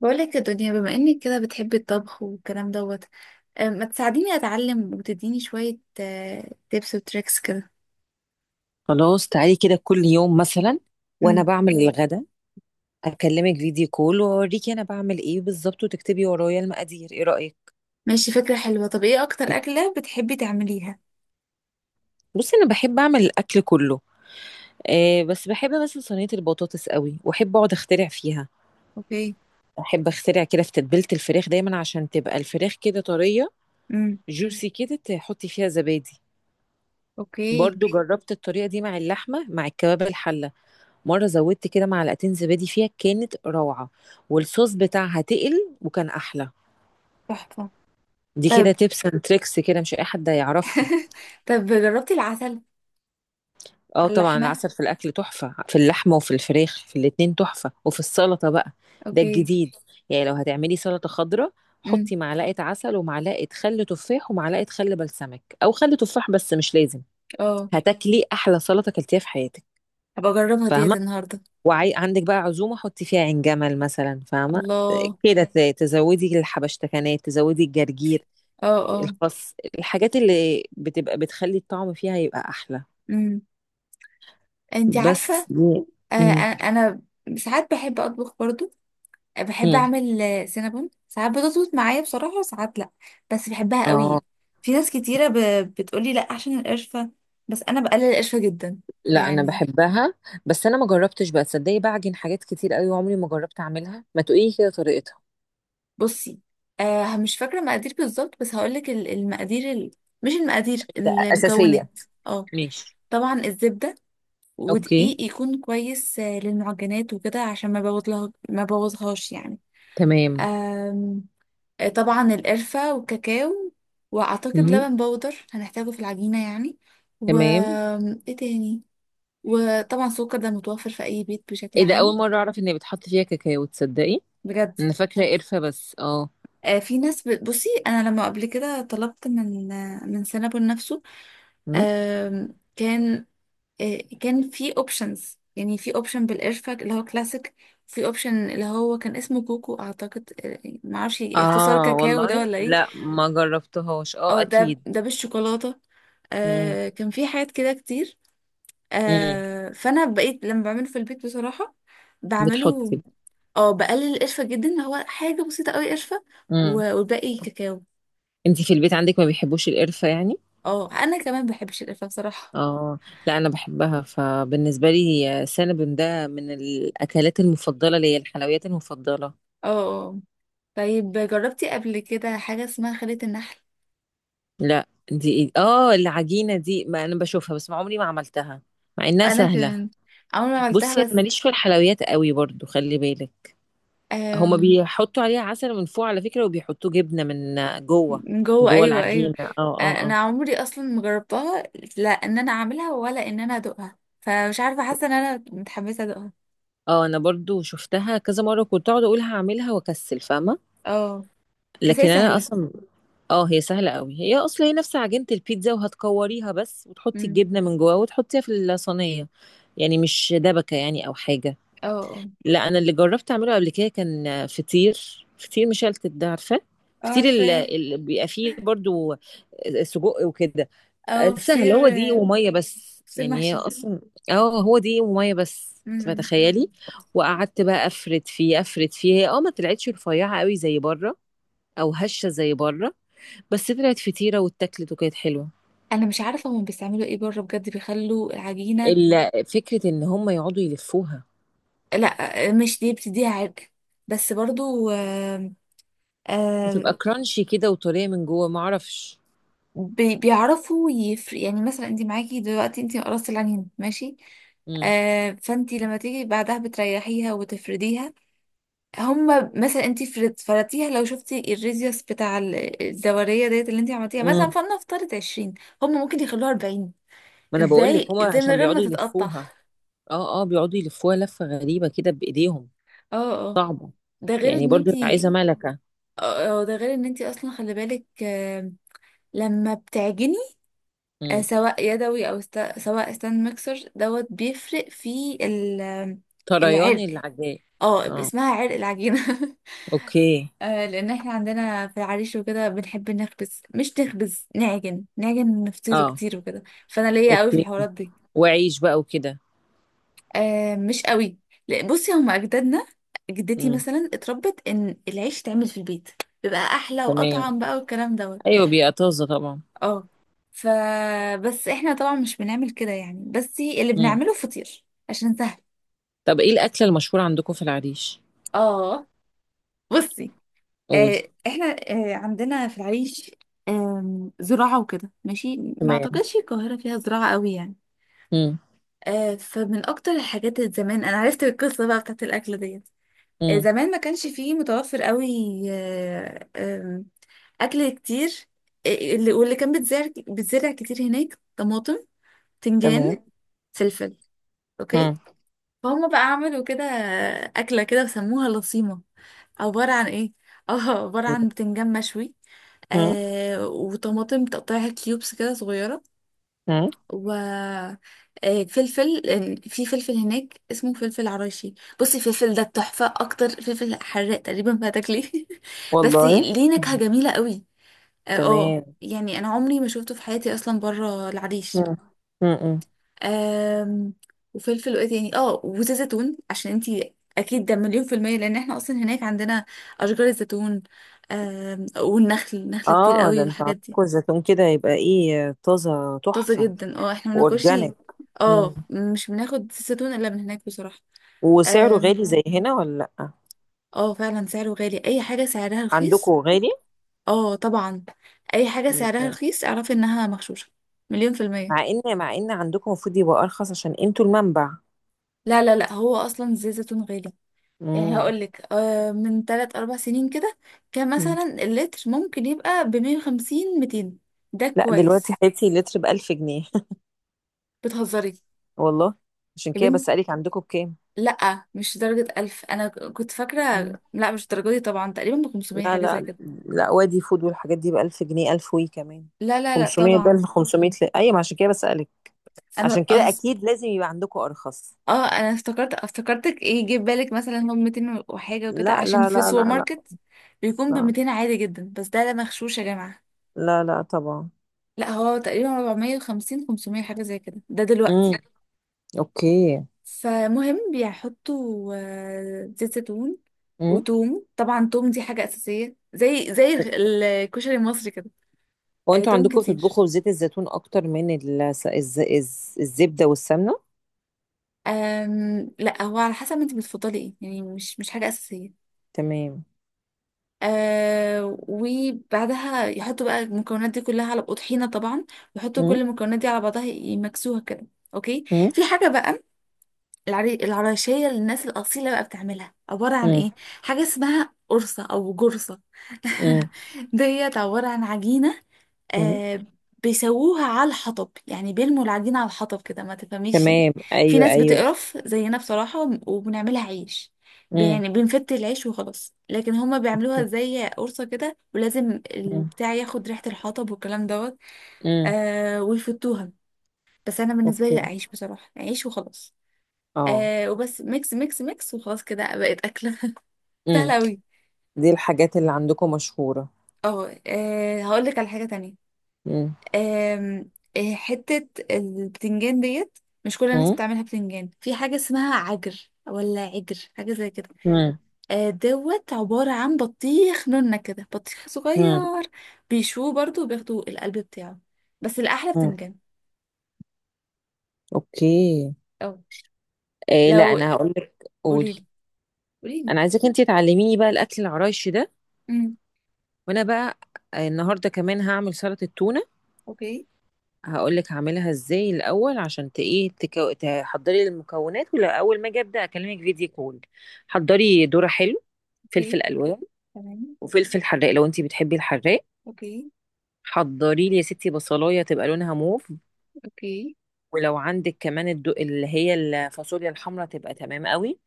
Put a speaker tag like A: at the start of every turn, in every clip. A: بقولك يا دنيا، بما انك كده بتحبي الطبخ والكلام دوت. أه، ما تساعديني اتعلم وتديني شوية تيبس وتريكس كده.
B: خلاص تعالي كده كل يوم مثلا وانا
A: امم.
B: بعمل الغدا اكلمك فيديو كول واوريكي انا بعمل ايه بالظبط وتكتبي ورايا المقادير، ايه رأيك؟
A: ماشي، فكرة حلوة. طب ايه اكتر اكلة بتحبي تعمليها؟
B: بصي انا بحب اعمل الاكل كله. آه بس بحب مثلا صينية البطاطس قوي واحب اقعد اخترع فيها.
A: اوكي.
B: احب اخترع كده في تتبيلة الفراخ دايما عشان تبقى الفراخ كده طرية
A: امم.
B: جوسي كده، تحطي فيها زبادي.
A: اوكي.
B: برضو جربت الطريقة دي مع اللحمة مع الكباب الحلة. مرة زودت كده معلقتين زبادي فيها كانت روعة والصوص بتاعها تقل وكان احلى.
A: تحفة.
B: دي كده
A: طب.
B: تيبس اند تريكس كده، مش اي حد هيعرفها.
A: طب جربتي العسل
B: اه
A: على
B: طبعا
A: اللحمة؟
B: العسل في الاكل تحفه، في اللحمه وفي الفراخ في الاتنين تحفه وفي السلطه بقى ده
A: اوكي.
B: الجديد. يعني لو هتعملي سلطه خضراء
A: امم.
B: حطي معلقه عسل ومعلقه خل تفاح ومعلقه خل بلسمك او خل تفاح، بس مش لازم.
A: اه
B: هتاكلي احلى سلطه اكلتيها في حياتك.
A: هبقى اجربها ديت
B: فاهمه؟
A: النهاردة.
B: وعندك بقى عزومه حطي فيها عين جمل مثلا، فاهمه؟
A: الله.
B: كده تزودي الحبشتكنات، تزودي الجرجير،
A: اه اه.
B: الخس، الحاجات اللي بتبقى بتخلي الطعم فيها يبقى احلى.
A: امم. انتي عارفة.
B: بس دي. مم.
A: انا ساعات بحب اطبخ برضو. بحب
B: مم.
A: اعمل سينابون، ساعات بتظبط معايا بصراحة وساعات لا. بس بحبها
B: اه.
A: قوي. في ناس كتيرة بتقولي لا عشان القرفة، بس انا بقلل القرفة جدا
B: لا انا
A: يعني.
B: بحبها. بس انا ما جربتش بقى، تصدقي بعجن حاجات كتير قوي عمري ما جربت اعملها، ما تقولي كده طريقتها.
A: بصي، مش فاكرة مقادير بالظبط، بس هقولك المقادير مش المقادير،
B: ده
A: المكونات.
B: اساسيه.
A: اه
B: ماشي.
A: طبعا الزبدة،
B: اوكي.
A: ودقيق يكون كويس، للمعجنات وكده عشان ما بوظلها ما بوظهاش
B: تمام.
A: يعني. طبعا القرفة والكاكاو. وأعتقد
B: مم.
A: لبن بودر هنحتاجه في العجينة يعني. و،
B: تمام.
A: ايه تاني؟ وطبعا السكر ده متوفر في أي بيت بشكل
B: ايه ده،
A: عام.
B: اول مره اعرف ان بتحط فيها كاكاو، تصدقي؟
A: بجد.
B: انا فاكره قرفه بس اه.
A: في ناس بصي أنا لما قبل كده طلبت من من سينابون نفسه.
B: مم.
A: كان، كان في اوبشنز يعني. في اوبشن بالقرفة اللي هو كلاسيك. في اوبشن اللي هو كان اسمه كوكو اعتقد، معرفش اختصار
B: اه
A: كاكاو ده
B: والله
A: ولا ايه.
B: لا ما جربتهاش،
A: اه
B: اه
A: ده
B: اكيد.
A: ده بالشوكولاتة.
B: مم.
A: آه كان في حاجات كده كتير.
B: مم.
A: آه فانا بقيت لما بعمله في البيت بصراحه بعمله.
B: بتحطي.
A: اه بقلل القرفه جدا، هو حاجه بسيطه قوي قرفه،
B: مم.
A: والباقي كاكاو.
B: انتي في البيت عندك ما بيحبوش القرفه يعني؟
A: اه انا كمان بحبش القرفه بصراحه.
B: اه. لا انا بحبها، فبالنسبه لي هي سينابون ده من الاكلات المفضله ليا، الحلويات المفضله.
A: اه. آه. آه. طيب، جربتي قبل كده حاجه اسمها خلية النحل؟
B: لا دي اه العجينه دي، ما انا بشوفها بس ما عمري ما عملتها مع انها
A: انا
B: سهله.
A: كمان عمري ما
B: بصي
A: عملتها
B: انا
A: بس.
B: ماليش في الحلويات قوي برضو، خلي بالك. هما
A: آم،
B: بيحطوا عليها عسل من فوق على فكره، وبيحطوا جبنه من جوه.
A: من جوه،
B: جوه
A: ايوه ايوه.
B: العجينه اه
A: آه،
B: اه
A: انا
B: اه.
A: عمري اصلا ما جربتها، لا ان انا اعملها ولا ان انا ادوقها، فمش عارفه حاسه ان انا متحمسه ادوقها.
B: اه انا برضو شفتها كذا مره كنت اقعد اقول هعملها واكسل، فاهمه؟
A: اه بس هي
B: لكن انا
A: سهلة.
B: اصلا. اه هي سهلة قوي، هي اصلا هي نفس عجينة البيتزا وهتكوريها بس وتحطي
A: امم.
B: الجبنة من جواها وتحطيها في الصينية. يعني مش دبكة يعني او حاجة.
A: اه اه
B: لا انا اللي جربت اعمله قبل كده كان فطير، فطير مشلتت ده، عارفة؟
A: اه
B: فطير اللي,
A: عارفة.
B: اللي بيبقى فيه برضو سجق وكده.
A: او
B: آه، سهل، هو
A: فطير،
B: دقيق ومية بس،
A: فطير
B: يعني هي
A: محشي.
B: اصلا. اه هو دقيق ومية بس،
A: امم.
B: فتخيلي. وقعدت بقى افرد فيه افرد فيه، هي اه ما طلعتش رفيعة قوي زي بره او هشة زي بره، بس طلعت فطيرة واتاكلت وكانت حلوة.
A: انا مش عارفه هم بيستعملوا ايه بره بجد بيخلوا العجينه.
B: فكرة ان هم يقعدوا يلفوها.
A: لا مش دي، بتديها عرق، بس برضو آه.
B: بتبقى
A: آه.
B: كرانشي كده وطرية من جوه، ما اعرفش.
A: بيعرفوا يفرق يعني. مثلا انت معاكي دلوقتي، انت قرصتي العجينه ماشي،
B: امم.
A: آه، فانت لما تيجي بعدها بتريحيها وتفرديها. هما مثلا انتي فرضتيها، لو شفتي الريزيوس بتاع الدورية ديت اللي انتي عملتيها مثلا،
B: امم.
A: فلنفترض 20، هما ممكن يخلوها 40.
B: ما انا بقول لك
A: ازاي؟
B: هم
A: ازاي من
B: عشان
A: غير ما
B: بيقعدوا
A: تتقطع؟
B: يلفوها، اه اه بيقعدوا يلفوها لفة غريبة كده بايديهم،
A: اه اه،
B: صعبة.
A: ده غير
B: يعني
A: ان
B: برضو
A: انتي.
B: عايزة ملكة.
A: اه اه، ده غير ان انتي اصلا خلي بالك. آم، لما بتعجني
B: امم.
A: سواء يدوي او سواء ستاند ميكسر دوت، بيفرق في آم،
B: طريان
A: العرق.
B: العجاء.
A: اه
B: اه.
A: اسمها عرق العجينة.
B: اوكي.
A: آه لان احنا عندنا في العريش وكده بنحب نخبز، مش نخبز، نعجن، نعجن نفطيره
B: اه.
A: كتير وكده. فانا ليا قوي في
B: اوكي.
A: الحوارات دي.
B: وعيش بقى وكده.
A: آه مش قوي. لا، بصي هما اجدادنا. جدتي
B: امم.
A: مثلا اتربت ان العيش يتعمل في البيت، بيبقى احلى
B: تمام.
A: واطعم بقى والكلام دوت.
B: ايوه بيبقى طازة طبعا.
A: اه. ف. بس احنا طبعا مش بنعمل كده يعني، بس اللي
B: امم.
A: بنعمله فطير عشان سهل.
B: طب ايه الاكلة المشهورة عندكم في العريش؟
A: اه. بصي،
B: قولي.
A: احنا عندنا في العريش زراعة وكده ماشي. ما
B: تمام.
A: اعتقدش القاهرة فيها زراعة قوي يعني. فمن اكتر الحاجات اللي زمان انا عرفت القصة بقى بتاعت الاكل ديت،
B: امم.
A: زمان ما كانش فيه متوفر قوي آه، آم، اكل كتير. آه، اللي كان بيتزرع بيتزرع كتير هناك، طماطم،
B: تمام.
A: تنجان، فلفل. اوكي.
B: مم.
A: فهم بقى عملوا كده اكلة كده وسموها لصيمة. عبارة عن ايه؟ اه عبارة عن بتنجان مشوي،
B: مم.
A: آه، وطماطم تقطعها كيوبس كده صغيرة.
B: مم.
A: و، آه فلفل، لأن في فلفل هناك اسمه فلفل عرايشي. بصي الفلفل ده التحفة، أكتر فلفل حراق تقريبا ما هتاكليه. بس
B: والله.
A: ليه نكهة
B: مم.
A: جميلة قوي. اه،
B: تمام.
A: يعني أنا عمري ما شفته في حياتي أصلا بره العريش.
B: مم. مم.
A: آم. وفلفل، وإيه تاني؟ اه وزيت زيتون عشان انتي أكيد، ده مليون في المية، لأن احنا أصلا هناك عندنا أشجار الزيتون. آم، والنخل، نخل كتير
B: اه
A: قوي
B: ده انت
A: والحاجات دي.
B: عندكم الزيتون كده يبقى ايه، طازة
A: طازة
B: تحفة.
A: جدا اه، احنا بناكلش.
B: واورجانيك. مم.
A: اه مش بناخد زيتون الا من هناك بصراحة.
B: وسعره
A: آم،
B: غالي زي هنا ولا لأ؟
A: اه فعلا سعره غالي. اي حاجة سعرها
B: عندكم
A: رخيص.
B: غالي.
A: اه طبعا. اي حاجة سعرها
B: يبقى-
A: رخيص اعرفي انها مغشوشة مليون في
B: مع
A: المية.
B: ان مع ان عندكم المفروض يبقى ارخص عشان انتوا المنبع.
A: لا لا لا، هو اصلا زيت زيتون غالي يعني.
B: مم.
A: هقولك من تلات اربع سنين كده كان
B: مم.
A: مثلا اللتر ممكن يبقى بـ150، 200. ده
B: لا دلوقتي
A: كويس.
B: حياتي لتر بألف جنيه.
A: بتهزري.
B: والله. عشان
A: يا
B: كده
A: بنتي،
B: بسألك عندكم بكام.
A: لا مش درجة 1000 أنا كنت فاكرة. لا مش الدرجة دي طبعا، تقريبا بـ500
B: لا
A: حاجة زي
B: لا
A: كده.
B: لا، وادي فود والحاجات دي بألف جنيه، ألف وي كمان.
A: لا لا لا
B: 500، ده
A: طبعا.
B: ال 500 ل... أيوة، ما عشان كده بسألك.
A: انا
B: عشان كده
A: أص...
B: أكيد لازم يبقى عندكم أرخص.
A: اه انا افتكرت، افتكرتك ايه جه في بالك، مثلا هو 200 وحاجه وكده،
B: لا
A: عشان
B: لا
A: في
B: لا
A: السوبر
B: لا لا.
A: ماركت بيكون ب
B: لا,
A: 200 عادي جدا، بس ده لا، مغشوش يا جماعه.
B: لا لا طبعا.
A: لا هو تقريبا 450، 500 حاجه زي كده ده
B: امم.
A: دلوقتي.
B: أوكي.
A: فمهم بيحطوا زيت زيتون
B: امم.
A: وتوم. طبعا توم دي حاجه اساسيه زي زي الكشري المصري كده.
B: وأنتوا
A: توم
B: عندكم
A: كتير.
B: بتطبخوا بزيت الزيتون أكتر من الزبدة والسمنة؟
A: أم... لا هو على حسب انت بتفضلي ايه يعني، مش حاجه اساسيه.
B: تمام.
A: آه وبعدها يحطوا بقى المكونات دي كلها على طحينة طبعا، ويحطوا كل
B: امم.
A: المكونات دي على بعضها يمكسوها كده. اوكي.
B: امم.
A: في حاجة بقى، العراشية للناس الأصيلة بقى بتعملها عبارة عن
B: امم.
A: ايه؟ حاجة اسمها قرصة أو جرصة.
B: امم.
A: ديت عبارة عن عجينة
B: أمم.
A: آه. بيسووها على الحطب، يعني بيلموا العجينة على الحطب كده ما تفهميش يعني.
B: تمام
A: في
B: أيوة
A: ناس
B: أيوة.
A: بتقرف زينا بصراحة وبنعملها عيش،
B: امم.
A: يعني بنفت العيش وخلاص، لكن هما بيعملوها زي قرصة كده، ولازم
B: امم.
A: البتاع ياخد ريحة الحطب والكلام دوت.
B: امم.
A: آه ويفتوها. بس أنا بالنسبة لي
B: أوكي.
A: لا، عيش بصراحة، عيش وخلاص.
B: اه.
A: آه وبس ميكس ميكس ميكس وخلاص كده بقت أكلة
B: امم.
A: سهلة أوي.
B: دي الحاجات اللي عندكم مشهورة.
A: اه. هقول لك على حاجة تانية.
B: امم.
A: آم، آه، حتة البتنجان ديت، مش كل الناس
B: مم؟
A: بتعملها بتنجان، في حاجة اسمها عجر ولا عجر حاجة زي كده،
B: مم.
A: دوت عبارة عن بطيخ نونة كده بطيخ
B: مم.
A: صغير، بيشوه برضو وبياخدوا القلب بتاعه. بس الأحلى
B: مم.
A: بتنجان.
B: اوكي.
A: اه.
B: إيه لا
A: لو.
B: انا هقول لك، قولي.
A: قوليلي. قوليلي.
B: انا عايزاك انتي تعلميني بقى الاكل العرايشي ده.
A: امم.
B: وانا بقى آه، النهارده كمان هعمل سلطه التونه.
A: اوكي.
B: هقول لك هعملها ازاي الاول عشان ت- ايه تحضري المكونات، ولا اول ما اجي ابدا اكلمك فيديو كول. حضري ذره حلو،
A: اوكي.
B: فلفل الوان،
A: تمام.
B: وفلفل حراق لو انتي بتحبي الحراق.
A: اوكي.
B: حضري لي يا ستي بصلايه تبقى لونها موف.
A: اوكي.
B: ولو عندك كمان اللي هي الفاصوليا الحمراء تبقى تمام قوي.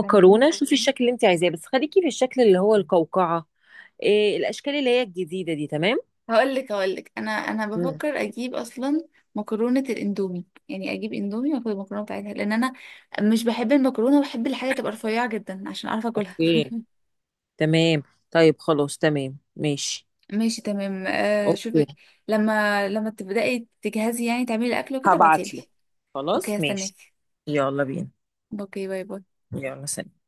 A: تمام.
B: شوفي الشكل اللي انت عايزاه بس خليكي في الشكل اللي هو القوقعه. إيه الاشكال اللي هي الجديده دي تمام.
A: هقول لك انا
B: مم.
A: بفكر اجيب اصلا مكرونه الاندومي يعني، اجيب اندومي واخد المكرونه بتاعتها، لان انا مش بحب المكرونه، وبحب الحاجه تبقى رفيعه جدا عشان اعرف اكلها.
B: اوكي. تمام. طيب خلاص تمام ماشي.
A: ماشي تمام آه
B: اوكي
A: شوفي، لما تبداي تجهزي يعني تعملي الاكل وكده ابعتيلي.
B: هبعت لك.
A: اوكي
B: خلاص
A: هستناك.
B: ماشي. يلا بينا.
A: اوكي باي باي.
B: يلا سلام.